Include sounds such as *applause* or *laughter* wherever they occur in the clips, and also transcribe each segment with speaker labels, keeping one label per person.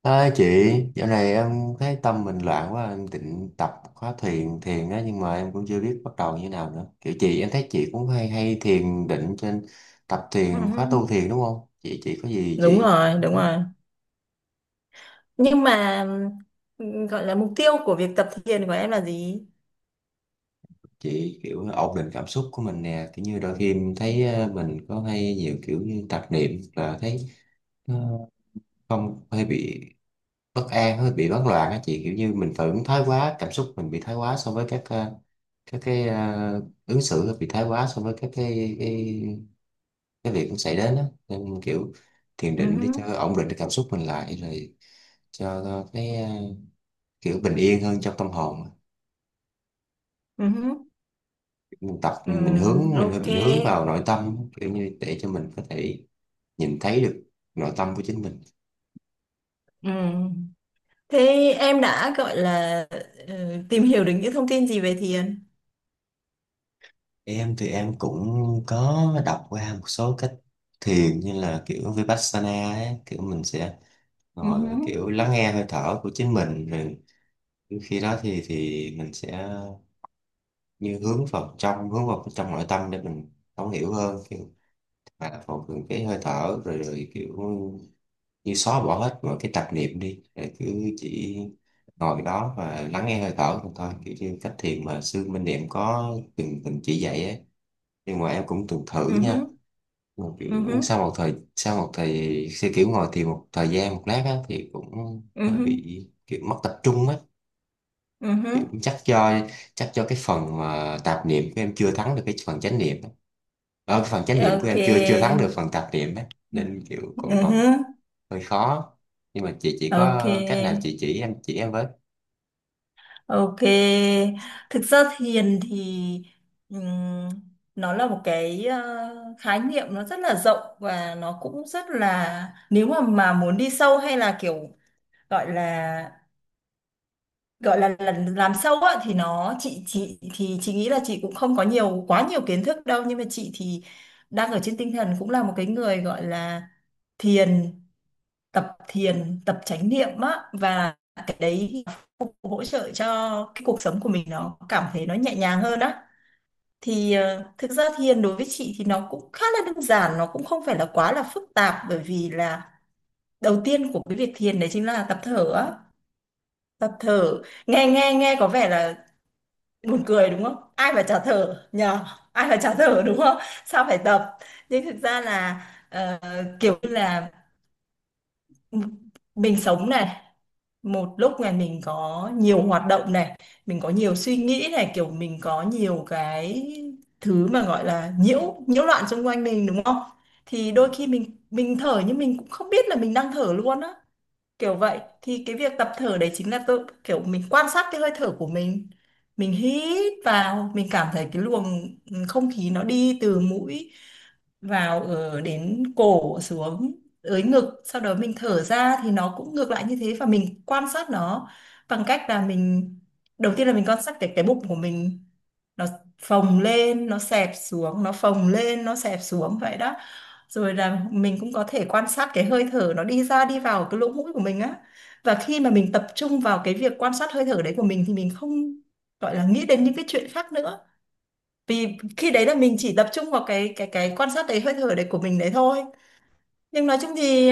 Speaker 1: À, chị, dạo này em thấy tâm mình loạn quá, em định tập khóa thiền thiền đó nhưng mà em cũng chưa biết bắt đầu như nào nữa. Kiểu chị em thấy chị cũng hay hay thiền định trên tập thiền
Speaker 2: Ừ,
Speaker 1: khóa tu thiền đúng không? Chị có gì
Speaker 2: đúng rồi, đúng rồi. Nhưng mà gọi là mục tiêu của việc tập thiền của em là gì?
Speaker 1: chị kiểu ổn định cảm xúc của mình nè, kiểu như đôi khi em thấy mình có hay nhiều kiểu như tạp niệm là thấy ờ, không hay bị bất an hơi bị hoảng loạn á chị, kiểu như mình phải ứng thái quá, cảm xúc mình bị thái quá so với các ứng xử bị thái quá so với cái việc cũng xảy đến á, nên kiểu thiền
Speaker 2: Ừ,
Speaker 1: định để cho ổn định cái cảm xúc mình lại, rồi cho kiểu bình yên hơn trong tâm hồn á.
Speaker 2: ừ,
Speaker 1: Mình tập
Speaker 2: ừ,
Speaker 1: mình hướng mình
Speaker 2: ok.
Speaker 1: mình hướng vào nội tâm kiểu như để cho mình có thể nhìn thấy được nội tâm của chính mình.
Speaker 2: Ừ. Thế em đã gọi là ừ, tìm hiểu được những thông tin gì về thiền?
Speaker 1: Em thì em cũng có đọc qua một số cách thiền như là kiểu Vipassana ấy, kiểu mình sẽ
Speaker 2: Ừ,
Speaker 1: ngồi và kiểu lắng nghe hơi thở của chính mình rồi khi đó thì mình sẽ như hướng vào trong nội tâm để mình thấu hiểu hơn, kiểu mà phòng ngừa cái hơi thở rồi, kiểu như xóa bỏ hết mọi cái tạp niệm đi rồi cứ chỉ ngồi đó và lắng nghe hơi thở thôi thôi, kiểu như cách thiền mà sư Minh Niệm có từng từng chỉ dạy ấy. Nhưng mà em cũng từng
Speaker 2: ừ,
Speaker 1: thử
Speaker 2: ừ,
Speaker 1: nha, một
Speaker 2: ừ,
Speaker 1: sau một thời sẽ kiểu ngồi thì một thời gian, một lát á, thì cũng hơi
Speaker 2: ừ,
Speaker 1: bị kiểu mất tập trung á. Kiểu
Speaker 2: ừ.
Speaker 1: chắc do cái phần mà tạp niệm của em chưa thắng được cái phần chánh niệm á. Ờ, cái phần chánh niệm của
Speaker 2: Ok.
Speaker 1: em chưa chưa thắng được phần tạp niệm á, nên kiểu còn
Speaker 2: Ừ,
Speaker 1: còn hơi khó, nhưng mà chị chỉ
Speaker 2: ok.
Speaker 1: có cách nào chị chỉ em, chỉ em với.
Speaker 2: Ok, thực ra thiền thì ừm, nó là một cái khái niệm nó rất là rộng, và nó cũng rất là, nếu mà muốn đi sâu hay là kiểu gọi là là làm sâu á, thì nó chị thì chị nghĩ là chị cũng không có nhiều quá nhiều kiến thức đâu, nhưng mà chị thì đang ở trên tinh thần cũng là một cái người gọi là thiền tập thiền, tập chánh niệm á, và cái đấy cũng hỗ trợ cho cái cuộc sống của mình, nó cảm thấy nó nhẹ nhàng hơn á. Thì thực ra thiền đối với chị thì nó cũng khá là đơn giản, nó cũng không phải là quá là phức tạp, bởi vì là đầu tiên của cái việc thiền đấy chính là tập thở á, tập thở. Nghe nghe nghe có vẻ là buồn cười, đúng không? Ai mà chả thở nhờ. Ai mà chả thở, đúng không? Sao phải tập? Nhưng thực ra là ờ, kiểu như là, ừ, mình sống này, một lúc này mình có nhiều hoạt động này, mình có nhiều suy nghĩ này, kiểu mình có nhiều cái thứ mà gọi là nhiễu nhiễu loạn xung quanh mình, đúng không? Thì
Speaker 1: Dạ,
Speaker 2: đôi khi mình thở, nhưng mình cũng không biết là mình đang thở luôn á, kiểu vậy. Thì cái việc tập thở đấy chính là tôi kiểu mình quan sát cái hơi thở của mình. Mình hít vào, mình cảm thấy cái luồng không khí nó đi từ mũi vào, ở đến cổ, xuống tới ngực, sau đó mình thở ra thì nó cũng ngược lại như thế, và mình quan sát nó bằng cách là mình, đầu tiên là mình quan sát cái bụng của mình, nó phồng lên nó xẹp xuống, nó phồng lên nó xẹp xuống, vậy đó. Rồi là mình cũng có thể quan sát cái hơi thở nó đi ra đi vào cái lỗ mũi của mình á. Và khi mà mình tập trung vào cái việc quan sát hơi thở đấy của mình thì mình không gọi là nghĩ đến những cái chuyện khác nữa, vì khi đấy là mình chỉ tập trung vào cái quan sát đấy, hơi thở đấy của mình đấy thôi. Nhưng nói chung thì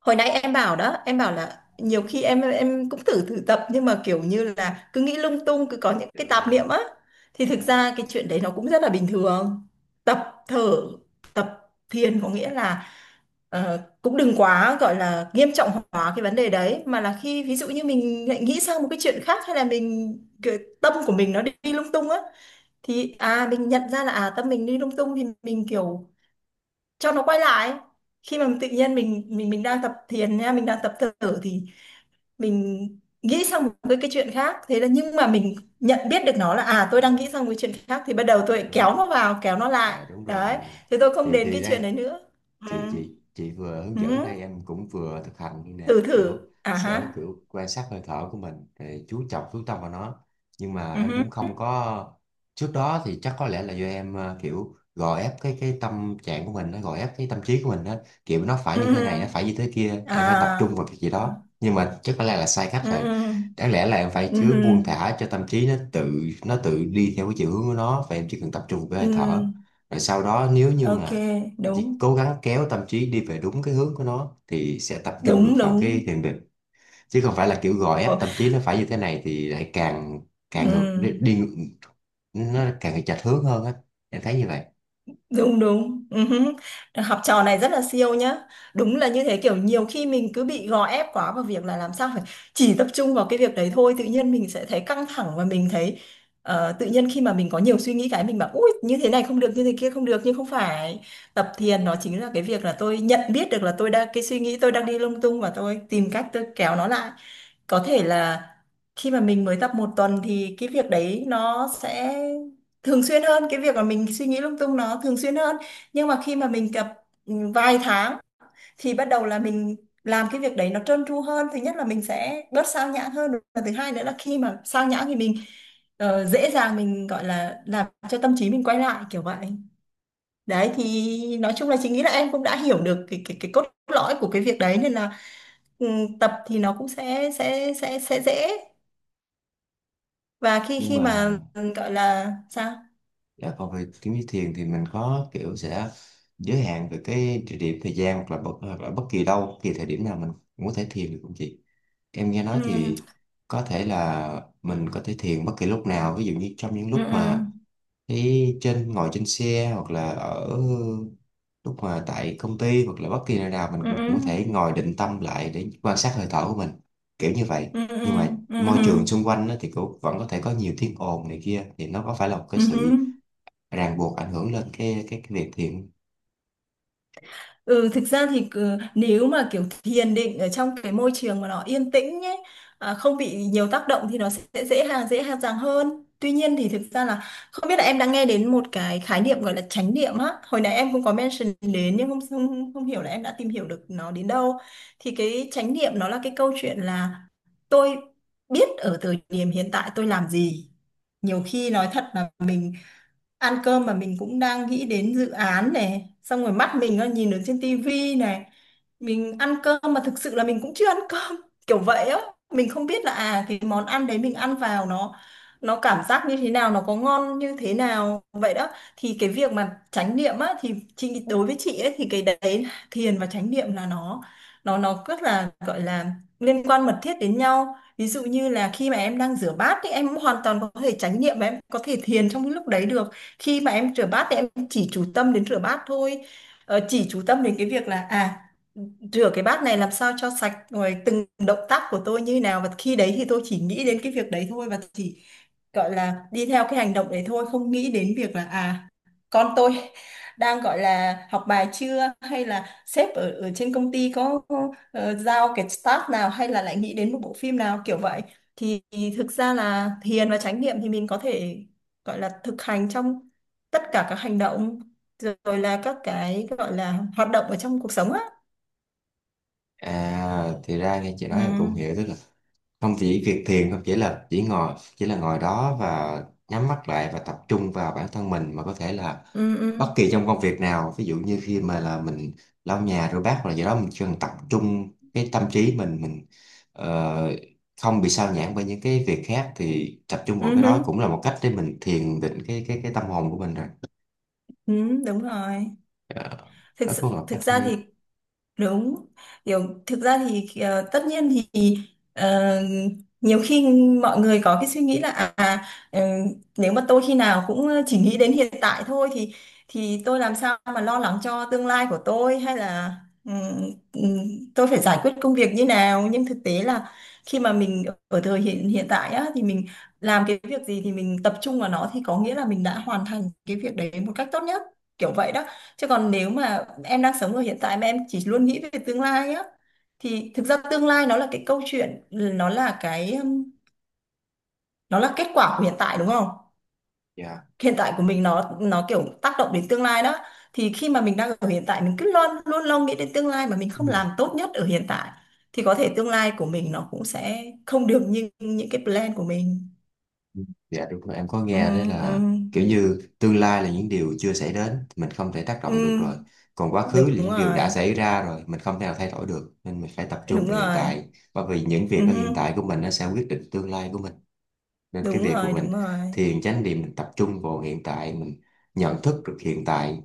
Speaker 2: hồi nãy em bảo đó, em bảo là nhiều khi em cũng thử thử tập, nhưng mà kiểu như là cứ nghĩ lung tung, cứ có những
Speaker 1: dạ
Speaker 2: cái
Speaker 1: đúng
Speaker 2: tạp
Speaker 1: rồi.
Speaker 2: niệm á, thì thực
Speaker 1: Dạ,
Speaker 2: ra cái chuyện đấy nó cũng rất là bình thường. Tập thở, tập thiền có nghĩa là cũng đừng quá gọi là nghiêm trọng hóa cái vấn đề đấy, mà là khi ví dụ như mình lại nghĩ sang một cái chuyện khác, hay là mình, cái tâm của mình nó đi lung tung á, thì à mình nhận ra là à tâm mình đi lung tung, thì mình kiểu cho nó quay lại. Khi mà tự nhiên mình đang tập thiền nha, mình đang tập thở, thì mình nghĩ sang một cái chuyện khác, thế là, nhưng mà mình nhận biết được nó là à tôi đang nghĩ
Speaker 1: dạ,
Speaker 2: sang một cái chuyện khác, thì bắt đầu
Speaker 1: dạ
Speaker 2: tôi
Speaker 1: đúng.
Speaker 2: kéo nó vào, kéo nó lại.
Speaker 1: Dạ đúng
Speaker 2: Đấy,
Speaker 1: rồi.
Speaker 2: thế tôi không
Speaker 1: Thì
Speaker 2: đến cái chuyện
Speaker 1: đây
Speaker 2: đấy nữa. Ừ.
Speaker 1: chị vừa hướng
Speaker 2: Ừ.
Speaker 1: dẫn, đây em cũng vừa thực hành như nè,
Speaker 2: Thử thử,
Speaker 1: kiểu
Speaker 2: à
Speaker 1: sẽ
Speaker 2: ha.
Speaker 1: kiểu quan sát hơi thở của mình rồi chú trọng chú tâm vào nó. Nhưng mà
Speaker 2: Ừ
Speaker 1: em
Speaker 2: hứ.
Speaker 1: cũng không có, trước đó thì chắc có lẽ là do em kiểu gò ép cái tâm trạng của mình, nó gò ép cái tâm trí của mình đó, kiểu nó phải
Speaker 2: Ừ.
Speaker 1: như thế này, nó
Speaker 2: Ừ.
Speaker 1: phải như thế kia, em phải tập trung
Speaker 2: À.
Speaker 1: vào cái gì đó, nhưng mà chắc có lẽ là sai cách
Speaker 2: Ừ.
Speaker 1: rồi.
Speaker 2: Ừ.
Speaker 1: Đáng lẽ là em phải
Speaker 2: Ừ
Speaker 1: cứ
Speaker 2: hứ.
Speaker 1: buông thả cho tâm trí nó tự, nó tự đi theo cái chiều hướng của nó, và em chỉ cần tập trung vào cái hơi
Speaker 2: Ừ.
Speaker 1: thở, rồi sau đó nếu như
Speaker 2: Ok.
Speaker 1: mà chỉ
Speaker 2: Đúng,
Speaker 1: cố gắng kéo tâm trí đi về đúng cái hướng của nó thì sẽ tập trung được
Speaker 2: đúng,
Speaker 1: vào
Speaker 2: đúng.
Speaker 1: cái thiền định, chứ không phải là kiểu gò ép
Speaker 2: Ồ,
Speaker 1: tâm trí nó phải như thế này thì lại càng càng ngược
Speaker 2: ừ.
Speaker 1: đi, nó càng chệch hướng hơn á. Em thấy như vậy.
Speaker 2: Đúng, đúng, ừ hứ. Học trò này rất là siêu nhá. Đúng là như thế, kiểu nhiều khi mình cứ bị gò ép quá vào việc là làm sao phải chỉ tập trung vào cái việc đấy thôi, tự nhiên mình sẽ thấy căng thẳng, và mình thấy tự nhiên khi mà mình có nhiều suy nghĩ cái mình bảo ui như thế này không được, như thế kia không được, nhưng không phải. Tập thiền nó chính là cái việc là tôi nhận biết được là tôi đang, cái suy nghĩ tôi đang đi lung tung, và tôi tìm cách tôi kéo nó lại. Có thể là khi mà mình mới tập một tuần thì cái việc đấy nó sẽ thường xuyên hơn, cái việc mà mình suy nghĩ lung tung nó thường xuyên hơn. Nhưng mà khi mà mình tập vài tháng, thì bắt đầu là mình làm cái việc đấy nó trơn tru hơn. Thứ nhất là mình sẽ bớt sao nhãng hơn, và thứ hai nữa là khi mà sao nhãng thì mình dễ dàng mình gọi là làm cho tâm trí mình quay lại, kiểu vậy. Đấy, thì nói chung là chị nghĩ là em cũng đã hiểu được cái cốt lõi của cái việc đấy, nên là ừ, tập thì nó cũng sẽ dễ. Và khi
Speaker 1: Nhưng
Speaker 2: khi
Speaker 1: mà
Speaker 2: mà gọi là sao.
Speaker 1: dạ, còn về kiếm như thiền thì mình có kiểu sẽ giới hạn về cái địa điểm thời gian, hoặc là hoặc là bất kỳ đâu, bất kỳ thời điểm nào mình cũng có thể thiền được không chị? Em nghe nói
Speaker 2: Ừ,
Speaker 1: thì có thể là mình có thể thiền bất kỳ lúc nào, ví dụ như trong những
Speaker 2: ừ,
Speaker 1: lúc
Speaker 2: ừ,
Speaker 1: mà trên ngồi trên xe, hoặc là ở lúc mà tại công ty, hoặc là bất kỳ nơi nào mình
Speaker 2: ừ,
Speaker 1: cũng cũng có thể ngồi định tâm lại để quan sát hơi thở của mình, kiểu như vậy.
Speaker 2: ừ, ừ, ừ,
Speaker 1: Nhưng mà
Speaker 2: ừ, ừ,
Speaker 1: môi
Speaker 2: ừ,
Speaker 1: trường xung quanh đó thì cũng vẫn có thể có nhiều tiếng ồn này kia, thì nó có phải là một cái
Speaker 2: ừ.
Speaker 1: sự
Speaker 2: Ừ.
Speaker 1: ràng buộc ảnh hưởng lên cái việc thiền.
Speaker 2: Ừ, thực ra thì nếu mà kiểu thiền định ở trong cái môi trường mà nó yên tĩnh nhé, à, không bị nhiều tác động thì nó sẽ dễ dàng hơn. Tuy nhiên thì thực ra là, không biết là em đã nghe đến một cái khái niệm gọi là chánh niệm á. Hồi nãy em cũng có mention đến, nhưng không không, không hiểu là em đã tìm hiểu được nó đến đâu. Thì cái chánh niệm nó là cái câu chuyện là tôi biết ở thời điểm hiện tại tôi làm gì. Nhiều khi nói thật là mình ăn cơm mà mình cũng đang nghĩ đến dự án này, xong rồi mắt mình nó nhìn ở trên tivi này, mình ăn cơm mà thực sự là mình cũng chưa ăn cơm *laughs* kiểu vậy á. Mình không biết là à cái món ăn đấy mình ăn vào nó cảm giác như thế nào, nó có ngon như thế nào, vậy đó. Thì cái việc mà chánh niệm á, thì chị, đối với chị ấy thì cái đấy, thiền và chánh niệm là nó rất là gọi là liên quan mật thiết đến nhau. Ví dụ như là khi mà em đang rửa bát thì em hoàn toàn có thể chánh niệm, và em có thể thiền trong cái lúc đấy được. Khi mà em rửa bát thì em chỉ chú tâm đến rửa bát thôi, chỉ chú tâm đến cái việc là à rửa cái bát này làm sao cho sạch, rồi từng động tác của tôi như thế nào, và khi đấy thì tôi chỉ nghĩ đến cái việc đấy thôi, và chỉ gọi là đi theo cái hành động đấy thôi, không nghĩ đến việc là à con tôi đang gọi là học bài chưa, hay là sếp ở ở trên công ty có giao cái task nào, hay là lại nghĩ đến một bộ phim nào, kiểu vậy. Thì thực ra là thiền và chánh niệm thì mình có thể gọi là thực hành trong tất cả các hành động, rồi là các cái gọi là hoạt động ở trong cuộc sống á.
Speaker 1: À, thì ra nghe chị nói
Speaker 2: Ừ,
Speaker 1: em cũng hiểu, tức là không chỉ việc thiền, không chỉ là chỉ là ngồi đó và nhắm mắt lại và tập trung vào bản thân mình, mà có thể là
Speaker 2: ừ, ừ,
Speaker 1: bất kỳ trong công việc nào, ví dụ như khi mà là mình lau nhà rửa bát hoặc là gì đó, mình chỉ cần tập trung cái tâm trí mình ờ, không bị sao nhãng bởi những cái việc khác, thì tập trung vào
Speaker 2: ừ,
Speaker 1: cái
Speaker 2: ừ,
Speaker 1: đó cũng là một cách để mình thiền định cái cái tâm hồn của mình rồi.
Speaker 2: ừ, đúng rồi.
Speaker 1: Ờ,
Speaker 2: Thực
Speaker 1: đó cũng là
Speaker 2: sự,
Speaker 1: một
Speaker 2: thực
Speaker 1: cách
Speaker 2: ra
Speaker 1: hay.
Speaker 2: thì đúng, kiểu thực ra thì tất nhiên thì ờ, nhiều khi mọi người có cái suy nghĩ là à ờ, nếu mà tôi khi nào cũng chỉ nghĩ đến hiện tại thôi thì tôi làm sao mà lo lắng cho tương lai của tôi, hay là ừm, ừm, tôi phải giải quyết công việc như nào, nhưng thực tế là khi mà mình ở thời hiện hiện tại á, thì mình làm cái việc gì thì mình tập trung vào nó, thì có nghĩa là mình đã hoàn thành cái việc đấy một cách tốt nhất, kiểu vậy đó. Chứ còn nếu mà em đang sống ở hiện tại mà em chỉ luôn nghĩ về tương lai á, thì thực ra tương lai nó là cái câu chuyện, nó là cái nó là kết quả của hiện tại, đúng không?
Speaker 1: Dạ.
Speaker 2: Hiện tại của mình nó kiểu tác động đến tương lai đó. Thì khi mà mình đang ở hiện tại mình cứ luôn luôn luôn nghĩ đến tương lai mà mình không làm tốt nhất ở hiện tại, thì có thể tương lai của mình nó cũng sẽ không được như những cái plan của mình.
Speaker 1: Dạ đúng rồi, em có
Speaker 2: Ừ,
Speaker 1: nghe đấy là
Speaker 2: ừ,
Speaker 1: kiểu như tương lai là những điều chưa xảy đến, mình không thể tác động được
Speaker 2: ừ,
Speaker 1: rồi. Còn quá khứ
Speaker 2: đúng
Speaker 1: là những điều đã
Speaker 2: rồi,
Speaker 1: xảy ra rồi, mình không thể nào thay đổi được. Nên mình phải tập trung
Speaker 2: đúng
Speaker 1: về hiện
Speaker 2: rồi,
Speaker 1: tại, bởi vì những việc ở hiện
Speaker 2: ừ,
Speaker 1: tại của mình nó sẽ quyết định tương lai của mình, nên cái
Speaker 2: đúng
Speaker 1: việc của
Speaker 2: rồi,
Speaker 1: mình
Speaker 2: đúng rồi.
Speaker 1: thiền chánh niệm mình tập trung vào hiện tại, mình nhận thức được hiện tại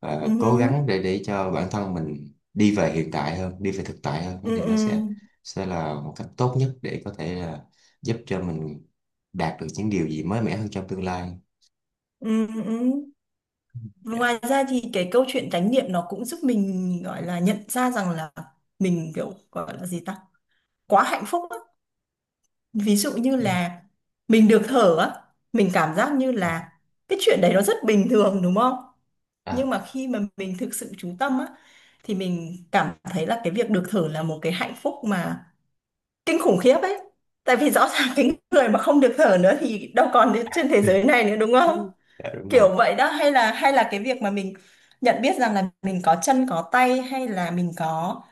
Speaker 1: và cố
Speaker 2: Ừ.
Speaker 1: gắng để cho bản thân mình đi về hiện tại hơn, đi về thực tại hơn,
Speaker 2: Ừ,
Speaker 1: thì nó
Speaker 2: ừ,
Speaker 1: sẽ là một cách tốt nhất để có thể là giúp cho mình đạt được những điều gì mới mẻ hơn trong tương lai.
Speaker 2: ừ, ừ. Ừ. Và
Speaker 1: Dạ.
Speaker 2: ngoài ra thì cái câu chuyện chánh niệm nó cũng giúp mình gọi là nhận ra rằng là mình, kiểu gọi là gì ta, quá hạnh phúc á. Ví dụ như là mình được thở á, mình cảm giác như
Speaker 1: Ờ,
Speaker 2: là cái chuyện đấy nó rất bình thường, đúng không? Nhưng
Speaker 1: à.
Speaker 2: mà khi mà mình thực sự chú tâm á, thì mình cảm thấy là cái việc được thở là một cái hạnh phúc mà kinh khủng khiếp ấy. Tại vì rõ ràng *laughs* cái người mà không được thở nữa thì đâu còn trên thế giới này nữa, đúng không?
Speaker 1: Dạ đúng rồi.
Speaker 2: Kiểu vậy đó, hay là cái việc mà mình nhận biết rằng là mình có chân có tay, hay là mình có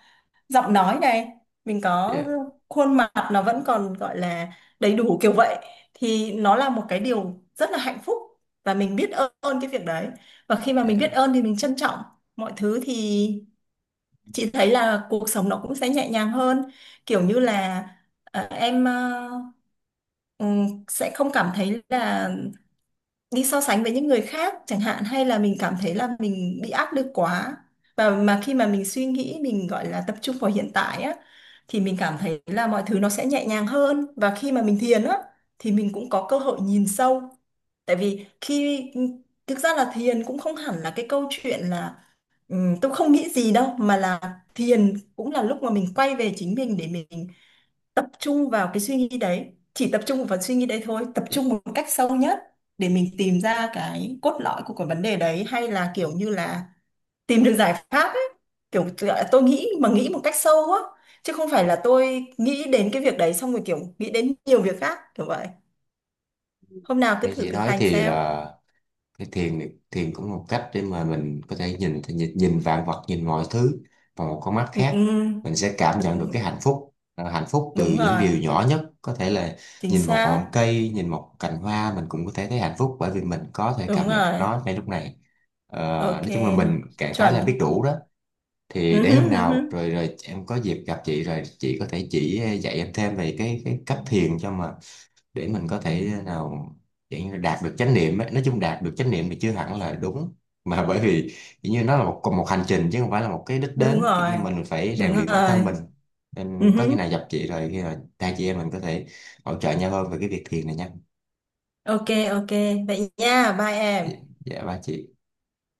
Speaker 2: giọng nói này, mình có
Speaker 1: Dạ,
Speaker 2: khuôn mặt nó vẫn còn gọi là đầy đủ, kiểu vậy, thì nó là một cái điều rất là hạnh phúc, và mình biết ơn cái việc đấy. Và khi mà mình biết
Speaker 1: dạ.
Speaker 2: ơn thì mình trân trọng mọi thứ, thì chị thấy là cuộc sống nó cũng sẽ nhẹ nhàng hơn. Kiểu như là em ừ, sẽ không cảm thấy là đi so sánh với những người khác chẳng hạn, hay là mình cảm thấy là mình bị áp lực quá. Và khi mà mình suy nghĩ, mình gọi là tập trung vào hiện tại á, thì mình cảm thấy là mọi thứ nó sẽ nhẹ nhàng hơn. Và khi mà mình thiền á thì mình cũng có cơ hội nhìn sâu, tại vì khi, thực ra là thiền cũng không hẳn là cái câu chuyện là tôi không nghĩ gì đâu, mà là thiền cũng là lúc mà mình quay về chính mình để mình tập trung vào cái suy nghĩ đấy, chỉ tập trung vào suy nghĩ đấy thôi, tập
Speaker 1: Dạ.
Speaker 2: trung một cách sâu nhất, để mình tìm ra cái cốt lõi của cái vấn đề đấy, hay là kiểu như là tìm được giải pháp ấy, kiểu tôi nghĩ mà nghĩ một cách sâu á, chứ không phải là tôi nghĩ đến cái việc đấy xong rồi kiểu nghĩ đến nhiều việc khác, kiểu vậy. Hôm nào cứ
Speaker 1: Như
Speaker 2: thử
Speaker 1: chị
Speaker 2: thực
Speaker 1: nói
Speaker 2: hành
Speaker 1: thì
Speaker 2: xem.
Speaker 1: là cái thiền này- thiền cũng là một cách để mà mình có thể nhìn nhìn, nhìn vạn vật, nhìn mọi thứ bằng một con mắt khác,
Speaker 2: Ừ,
Speaker 1: mình sẽ cảm nhận được cái
Speaker 2: đúng,
Speaker 1: hạnh phúc, à, hạnh phúc từ
Speaker 2: đúng
Speaker 1: những
Speaker 2: rồi,
Speaker 1: điều nhỏ nhất, có thể là
Speaker 2: chính
Speaker 1: nhìn một
Speaker 2: xác.
Speaker 1: ngọn cây, nhìn một cành hoa, mình cũng có thể thấy hạnh phúc, bởi vì mình có thể
Speaker 2: Đúng
Speaker 1: cảm nhận được
Speaker 2: rồi.
Speaker 1: nó ngay lúc này. Ờ,
Speaker 2: Ok.
Speaker 1: nói chung là mình trạng thái là biết
Speaker 2: Chuẩn.
Speaker 1: đủ đó. Thì
Speaker 2: Ừ
Speaker 1: để
Speaker 2: hứ,
Speaker 1: hôm
Speaker 2: ừ
Speaker 1: nào
Speaker 2: hứ.
Speaker 1: rồi rồi em có dịp gặp chị rồi chị có thể chỉ dạy em thêm về cái cách thiền, cho mà để mình có thể nào kiểu như đạt được chánh niệm ấy. Nói chung đạt được chánh niệm thì chưa hẳn là đúng, mà bởi vì kiểu như nó là một một hành trình chứ không phải là một cái đích
Speaker 2: Đúng
Speaker 1: đến, kiểu
Speaker 2: rồi,
Speaker 1: như mình phải
Speaker 2: đúng
Speaker 1: rèn luyện bản thân
Speaker 2: rồi.
Speaker 1: mình.
Speaker 2: Ừ
Speaker 1: Nên có khi
Speaker 2: hứ.
Speaker 1: nào gặp chị rồi, khi nào hai chị em mình có thể hỗ trợ nhau hơn về cái việc thiền này nha.
Speaker 2: Ok, ok. Vậy nha, bye em.
Speaker 1: Dạ, dạ ba chị.